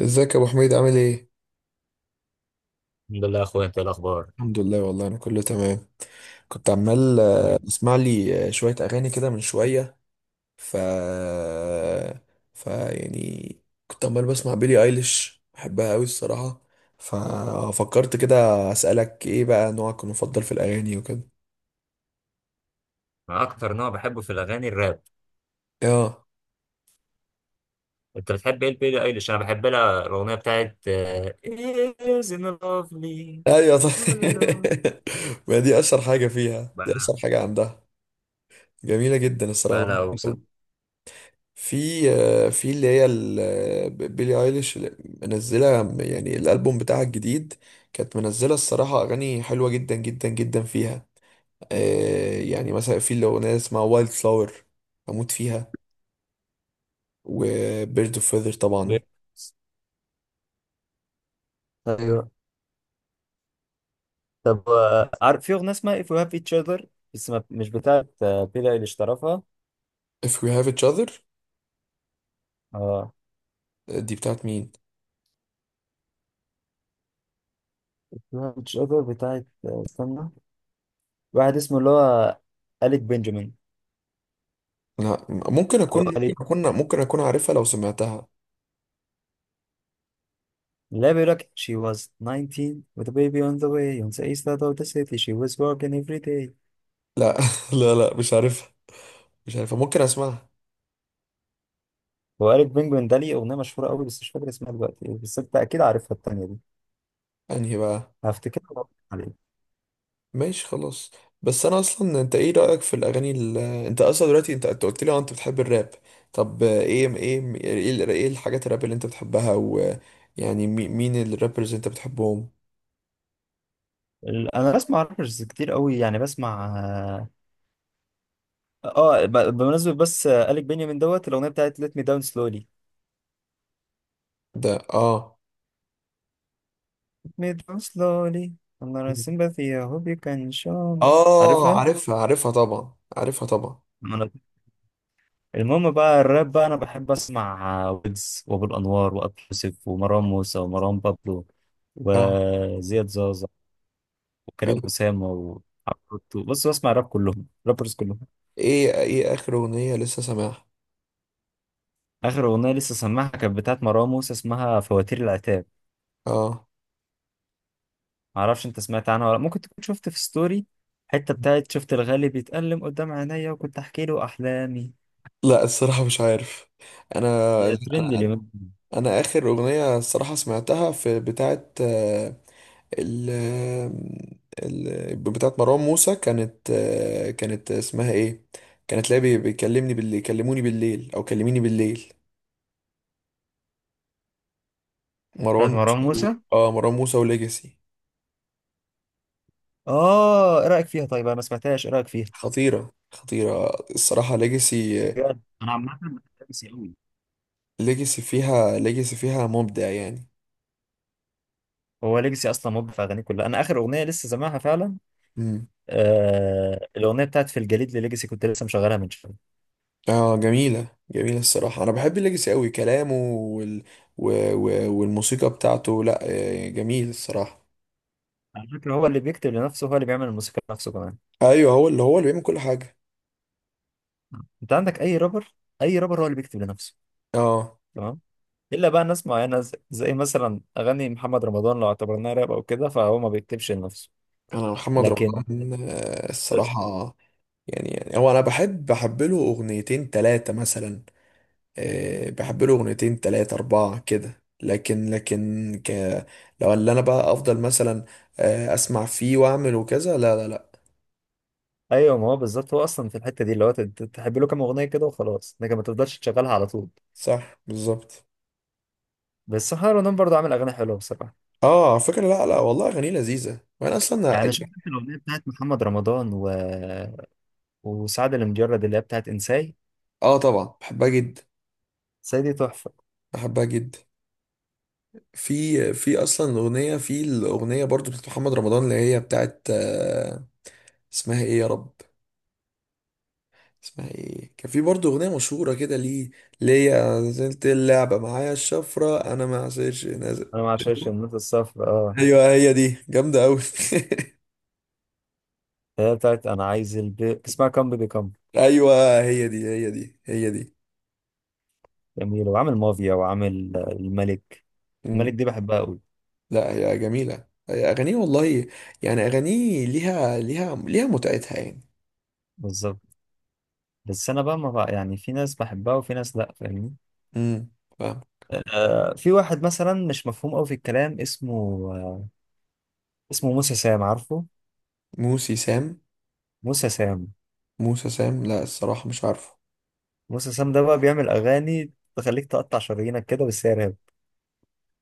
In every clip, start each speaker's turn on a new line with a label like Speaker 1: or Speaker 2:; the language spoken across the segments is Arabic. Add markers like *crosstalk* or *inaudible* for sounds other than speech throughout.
Speaker 1: ازيك يا ابو حميد، عامل ايه؟
Speaker 2: الحمد لله يا اخويا، انت إيه الاخبار؟
Speaker 1: الحمد لله والله، انا كله تمام. كنت عمال
Speaker 2: تمام.
Speaker 1: اسمع لي شويه اغاني كده من شويه. ف ف يعني كنت عمال بسمع بيلي ايليش، بحبها قوي الصراحه. ففكرت كده اسالك ايه بقى نوعك المفضل في الاغاني وكده.
Speaker 2: انا اكتر نوع بحبه في الاغاني الراب.
Speaker 1: اه
Speaker 2: انت بتحب ايه لبيلي ايليش؟ انا بحب لها الاغنيه بتاعت Isn't it lovely.
Speaker 1: ايوه
Speaker 2: لا لا
Speaker 1: طيب.
Speaker 2: لا.
Speaker 1: *laughs* ما دي اشهر حاجه فيها، دي
Speaker 2: بقى
Speaker 1: اشهر حاجه عندها. جميله جدا
Speaker 2: بقى
Speaker 1: الصراحه.
Speaker 2: لها اوسط.
Speaker 1: في اللي هي بيلي ايليش اللي منزله، يعني الالبوم بتاعها الجديد. كانت منزله الصراحه اغاني حلوه جدا جدا جدا فيها. يعني مثلا في الاغنيه اسمها وايلد فلاور. اموت فيها. وبيرد اوف فيذر طبعا.
Speaker 2: ايوه، طب عارف في اغنيه اسمها If You Have Each Other؟ بس مش بتاعت بيلي ايليش طرفها.
Speaker 1: if we have each other.
Speaker 2: اه،
Speaker 1: دي بتاعت مين؟
Speaker 2: If You Have Each Other بتاعت استنى، واحد اسمه اللي هو أليك بنجامين.
Speaker 1: لا،
Speaker 2: او
Speaker 1: ممكن اكون عارفها لو سمعتها.
Speaker 2: لا، بيقولك she was 19 with a baby on the way on the east side of the city she was working every day.
Speaker 1: لا، *laughs* لا لا مش عارفها. مش عارفها، ممكن اسمعها.
Speaker 2: هو إيريك بينجوين ده ليه أغنية مشهورة أوي بس مش فاكر اسمها دلوقتي إيه، بس أنت أكيد عارفها التانية دي.
Speaker 1: انهي بقى؟
Speaker 2: هفتكرها وأقول لك عليها.
Speaker 1: ماشي خلاص. بس انا اصلا، انت ايه رايك في الاغاني انت اصلا دلوقتي، انت قلت لي انت بتحب الراب. طب ايه إيه الحاجات الراب اللي انت بتحبها؟ ويعني مين الرابرز انت بتحبهم؟
Speaker 2: أنا بسمع رابرز كتير أوي، يعني بسمع آه ب- بمناسبة بس إيريك بنيامين دوت، الأغنية بتاعت Let me down slowly،
Speaker 1: ده اه.
Speaker 2: Let me down slowly، I'm not a sympathy I hope you can show me،
Speaker 1: اه
Speaker 2: عارفها؟
Speaker 1: عارفها طبعا، عارفها طبعا.
Speaker 2: المهم بقى الراب بقى، انا بحب اسمع ويجز وابو الانوار وابو يوسف ومروان موسى ومروان بابلو
Speaker 1: اه
Speaker 2: وزياد زازا وكريم
Speaker 1: أيوة.
Speaker 2: اسامه وعفروتو. بص، بسمع راب، كلهم رابرز كلهم.
Speaker 1: ايه اخر اغنيه لسه سامعها؟
Speaker 2: اخر اغنيه لسه سامعها كانت بتاعت مروان موسى، اسمها فواتير العتاب.
Speaker 1: اه،
Speaker 2: معرفش انت سمعت عنها ولا لأ. ممكن تكون شفت في ستوري حته بتاعت شفت الغالي بيتألم قدام عينيا وكنت احكي له احلامي،
Speaker 1: لا الصراحه مش عارف. انا،
Speaker 2: يا ترند
Speaker 1: انا
Speaker 2: اليومين دول.
Speaker 1: انا اخر اغنيه الصراحه سمعتها في بتاعه، ال ال بتاعه مروان موسى، كانت اسمها ايه؟ كانت، لا، بيكلمني بالليل، كلموني بالليل، او كلميني بالليل. مروان
Speaker 2: بتاعت
Speaker 1: موسى
Speaker 2: مروان موسى،
Speaker 1: مروان موسى وليجاسي.
Speaker 2: اه. ايه رايك فيها؟ طيب انا ما سمعتهاش، ايه رايك فيها؟
Speaker 1: خطيره خطيره، الصراحه ليجاسي.
Speaker 2: بجد انا عامه بحب سي قوي.
Speaker 1: ليجاسي فيها مبدع يعني.
Speaker 2: هو ليجاسي اصلا مود في اغانيه كلها. انا اخر اغنيه لسه سامعها فعلا آه الاغنيه بتاعت في الجليد لليجاسي، كنت لسه مشغلها من شويه.
Speaker 1: اه جميلة جميلة الصراحة، أنا بحب الليجاسي أوي، كلامه والموسيقى بتاعته، لأ جميل الصراحة.
Speaker 2: على فكره هو اللي بيكتب لنفسه، هو اللي بيعمل الموسيقى لنفسه كمان.
Speaker 1: أيوه، هو اللي بيعمل كل حاجة.
Speaker 2: انت عندك اي رابر، اي رابر هو اللي بيكتب لنفسه؟
Speaker 1: اه
Speaker 2: تمام. الا بقى ناس معينه، زي مثلا اغاني محمد رمضان لو اعتبرناها راب او كده، فهو ما بيكتبش لنفسه.
Speaker 1: أنا محمد
Speaker 2: لكن
Speaker 1: رمضان الصراحة. يعني هو أنا بحب له أغنيتين تلاتة مثلا. بحب له أغنيتين تلاتة أربعة كده، لكن لو اللي أنا بقى أفضل مثلا أسمع فيه وأعمل وكذا، لا لا لا.
Speaker 2: ايوه، ما هو بالظبط، هو اصلا في الحته دي اللي هو تحب له كام اغنيه كده وخلاص، لكن ما تفضلش تشغلها على طول.
Speaker 1: صح بالظبط.
Speaker 2: بس حاول انام، برضه عامل اغاني حلوه بصراحه.
Speaker 1: اه، على فكرة لا لا، والله أغانيه لذيذة وأنا أصلا.
Speaker 2: يعني انا شفت انت الاغنيه بتاعت محمد رمضان وسعد المجرد اللي هي بتاعت انساي.
Speaker 1: اه طبعا، بحبها جدا.
Speaker 2: انساي دي تحفه.
Speaker 1: بحبها جدا. في أصلا أغنية، في الأغنية برضو بتاعت محمد رمضان اللي هي بتاعت اسمها إيه يا رب؟ اسمها إيه؟ كان في برضو أغنية مشهورة كده ليه، ليا نزلت اللعبة معايا الشفرة أنا ما عسيرش نازل.
Speaker 2: انا ما عشانش النوت الصفر، اه،
Speaker 1: أيوه هي دي جامدة أوي. *laughs*
Speaker 2: اللي هي بتاعت اسمها كام بيبي كام.
Speaker 1: أيوه، هي دي.
Speaker 2: جميل، وعامل مافيا، وعامل الملك، الملك دي بحبها قوي.
Speaker 1: لا هي جميلة، هي أغانيه والله. يعني أغانيه ليها متعتها يعني.
Speaker 2: بالظبط. بس انا بقى ما بقى، يعني في ناس بحبها وفي ناس لا، فاهمني؟
Speaker 1: امم، فاهم.
Speaker 2: آه، في واحد مثلا مش مفهوم قوي في الكلام، اسمه آه اسمه موسى سام، عارفه؟
Speaker 1: موسي سام.
Speaker 2: موسى سام.
Speaker 1: موسى سام، لا الصراحة مش عارفه.
Speaker 2: موسى سام ده بقى بيعمل اغاني تخليك تقطع شرايينك كده، بس هي راب.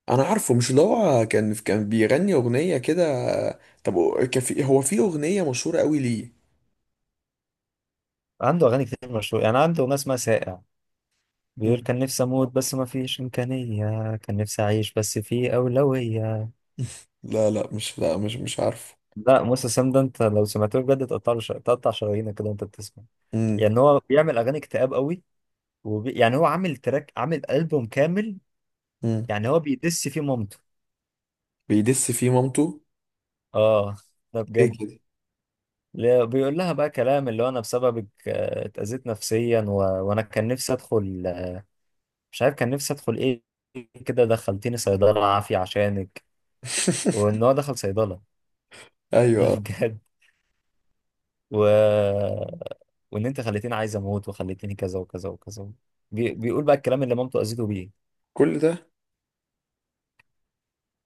Speaker 1: أنا عارفه مش اللي هو كان بيغني أغنية كده. طب، هو في أغنية مشهورة قوي ليه؟
Speaker 2: عنده أغاني كتير مشهورة، يعني عنده أغنية اسمها ساقع،
Speaker 1: مم.
Speaker 2: بيقول كان نفسي أموت بس ما فيش إمكانية، كان نفسي أعيش بس في أولوية.
Speaker 1: *laughs* لا لا، مش، لا، مش عارفه.
Speaker 2: لا موسى سام ده أنت لو سمعته بجد تقطع له تقطع شرايينك كده وأنت بتسمع.
Speaker 1: امم
Speaker 2: يعني هو بيعمل أغاني اكتئاب قوي، يعني هو عامل تراك، عامل ألبوم كامل،
Speaker 1: امم
Speaker 2: يعني هو بيدس فيه مامته.
Speaker 1: بيدس فيه مامته.
Speaker 2: آه، ده
Speaker 1: ايه
Speaker 2: بجد.
Speaker 1: كده؟
Speaker 2: لا، بيقول لها بقى كلام اللي هو أنا بسببك اتأذيت نفسيا وأنا كان نفسي أدخل، مش عارف كان نفسي أدخل إيه، كده دخلتيني صيدلة عافية عشانك، وان
Speaker 1: *laughs*
Speaker 2: هو دخل صيدله. *laughs*
Speaker 1: ايوه
Speaker 2: ده
Speaker 1: آه.
Speaker 2: بجد. و... وان انت خليتيني عايز اموت وخليتيني كذا وكذا وكذا، بيقول بقى الكلام اللي مامته اذيته بيه.
Speaker 1: كل ده؟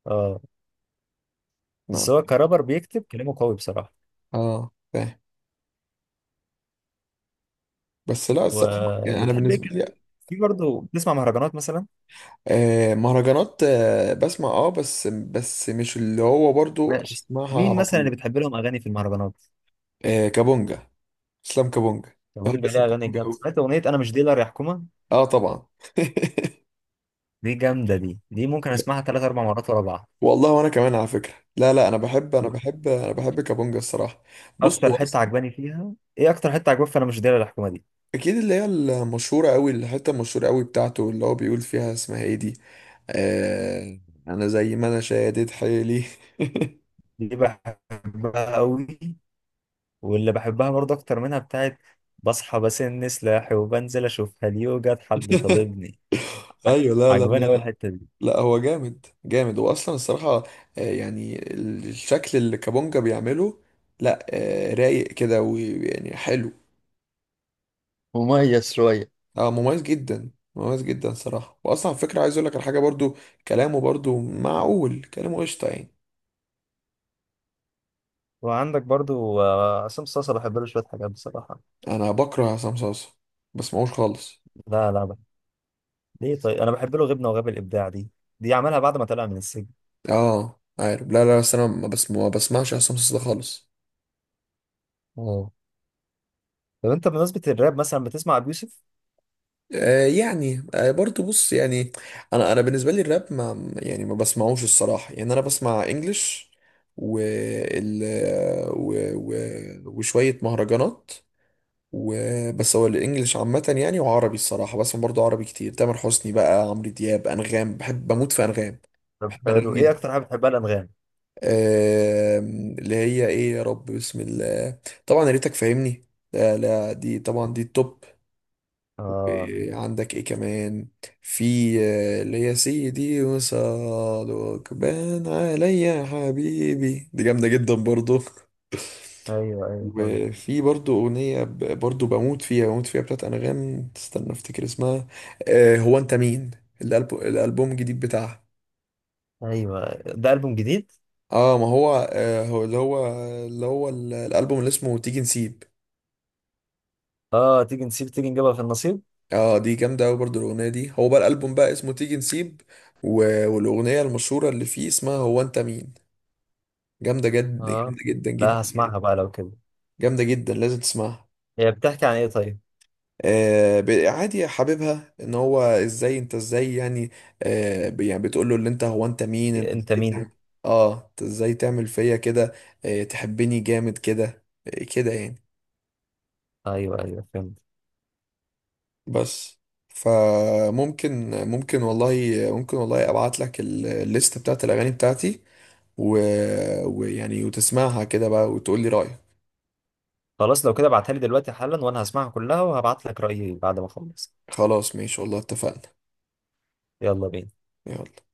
Speaker 2: اه.
Speaker 1: نعم.
Speaker 2: بس هو كرابر بيكتب كلامه قوي بصراحه.
Speaker 1: اه فاهم. بس لا الصراحة، يعني أنا
Speaker 2: وبتحب ايه
Speaker 1: بالنسبة
Speaker 2: كده؟
Speaker 1: لي
Speaker 2: في برضه بتسمع مهرجانات مثلا؟
Speaker 1: مهرجانات، بسمع اه، بس مش اللي هو برضو
Speaker 2: ماشي.
Speaker 1: اسمعها
Speaker 2: مين
Speaker 1: على
Speaker 2: مثلا
Speaker 1: طول.
Speaker 2: اللي بتحب لهم اغاني في المهرجانات؟
Speaker 1: كابونجا، اسلام كابونجا.
Speaker 2: طب مين
Speaker 1: بحب
Speaker 2: بقى
Speaker 1: اسلام
Speaker 2: ليه اغاني
Speaker 1: كابونجا
Speaker 2: جامده؟
Speaker 1: قوي.
Speaker 2: سمعت اغنيه انا مش ديلر يا حكومه.
Speaker 1: اه طبعا. *laughs*
Speaker 2: دي جامده، دي دي ممكن اسمعها ثلاث اربع مرات ورا بعض.
Speaker 1: والله وانا كمان على فكره لا لا، انا بحب انا بحب انا بحب كابونجا الصراحه. بص
Speaker 2: اكتر
Speaker 1: هو
Speaker 2: حته
Speaker 1: أصلاً
Speaker 2: عجباني فيها ايه، اكتر حته عجباني في انا مش ديلر يا حكومه دي،
Speaker 1: اكيد اللي هي المشهوره قوي، الحته المشهوره قوي بتاعته اللي هو بيقول فيها اسمها ايه دي؟ آه، انا زي ما انا شادد حيلي.
Speaker 2: دي بحبها قوي. واللي بحبها برضه اكتر منها بتاعت بصحى بسن سلاحي وبنزل اشوف هل يوجد حد طالبني.
Speaker 1: *laughs*
Speaker 2: ع-
Speaker 1: ايوه، لا لا
Speaker 2: عجباني
Speaker 1: لا.
Speaker 2: قوي الحته دي.
Speaker 1: لا هو جامد جامد، هو اصلا الصراحه يعني الشكل اللي كابونجا بيعمله، لا رايق كده ويعني حلو.
Speaker 2: مميز شوية.
Speaker 1: اه مميز جدا، مميز جدا صراحه. واصلا على فكره عايز اقول لك على حاجه برضو، كلامه برضو معقول، كلامه قشطه يعني.
Speaker 2: وعندك برضو عصام صاصا، بحب له شويه حاجات بصراحه.
Speaker 1: انا بكره عصام صاصا، بسمعوش خالص.
Speaker 2: لا لا، بحب. ليه؟ طيب انا بحب له غبنه وغاب الابداع دي، دي عملها بعد ما طلع من السجن.
Speaker 1: اه عارف، لا لا، بس انا ما بسمعش عصام صاصا ده خالص.
Speaker 2: اه. طب انت بمناسبه الراب مثلا بتسمع ابو يوسف؟
Speaker 1: يعني برضو بص يعني. انا بالنسبه لي الراب، ما بسمعوش الصراحه، يعني انا بسمع انجلش و ال و و وشويه مهرجانات وبس. هو الانجليش عامه يعني وعربي الصراحه، بسمع برضو عربي كتير، تامر حسني بقى، عمرو دياب، انغام، بحب بموت في انغام.
Speaker 2: طب
Speaker 1: بحب انغام
Speaker 2: حلو، ايه
Speaker 1: جدا.
Speaker 2: اكتر حاجه بتحبها الانغام؟
Speaker 1: اللي هي ايه يا رب، بسم الله طبعا يا ريتك فاهمني. لا لا، دي طبعا دي التوب.
Speaker 2: اه.
Speaker 1: إيه، عندك ايه كمان؟ في اللي هي سيدي وصالوك بان عليا يا حبيبي، دي جامدة جدا برضو.
Speaker 2: ايوه ايوه جامد.
Speaker 1: وفي برضو أغنية برضو بموت فيها بتاعت أنغام، استنى أفتكر اسمها. آه، هو أنت مين. الألبوم الجديد بتاعها.
Speaker 2: ايوه، ده البوم جديد.
Speaker 1: اه ما هو، هو اللي هو الألبوم اللي اسمه تيجي نسيب.
Speaker 2: اه تيجي نسيب، تيجي نجيبها في النصيب.
Speaker 1: اه دي جامدة أوي برضه الأغنية دي، هو بقى الألبوم بقى اسمه تيجي نسيب. والأغنية المشهورة اللي فيه اسمها هو أنت مين.
Speaker 2: اه.
Speaker 1: جامدة جدا جدا
Speaker 2: لا
Speaker 1: يعني.
Speaker 2: هسمعها بقى لو كده.
Speaker 1: جامدة جدا لازم تسمعها.
Speaker 2: هي بتحكي عن ايه طيب؟
Speaker 1: عادي حبيبها، ان هو ازاي، انت ازاي يعني. يعني بتقول له اللي انت، هو انت مين، انت
Speaker 2: انت
Speaker 1: ازاي
Speaker 2: مين.
Speaker 1: تعمل؟ اه، انت ازاي تعمل فيا كده، تحبني جامد كده، كده يعني.
Speaker 2: ايوه ايوه فهمت.
Speaker 1: بس. فممكن ممكن والله ممكن والله ابعت لك الليست بتاعت الاغاني بتاعتي و... ويعني وتسمعها كده بقى وتقول لي رايك.
Speaker 2: خلاص لو كده ابعتها لي دلوقتي حالا، وانا هسمعها كلها وهبعت لك رأيي بعد ما اخلص.
Speaker 1: خلاص ماشي والله اتفقنا.
Speaker 2: يلا بينا.
Speaker 1: يلا.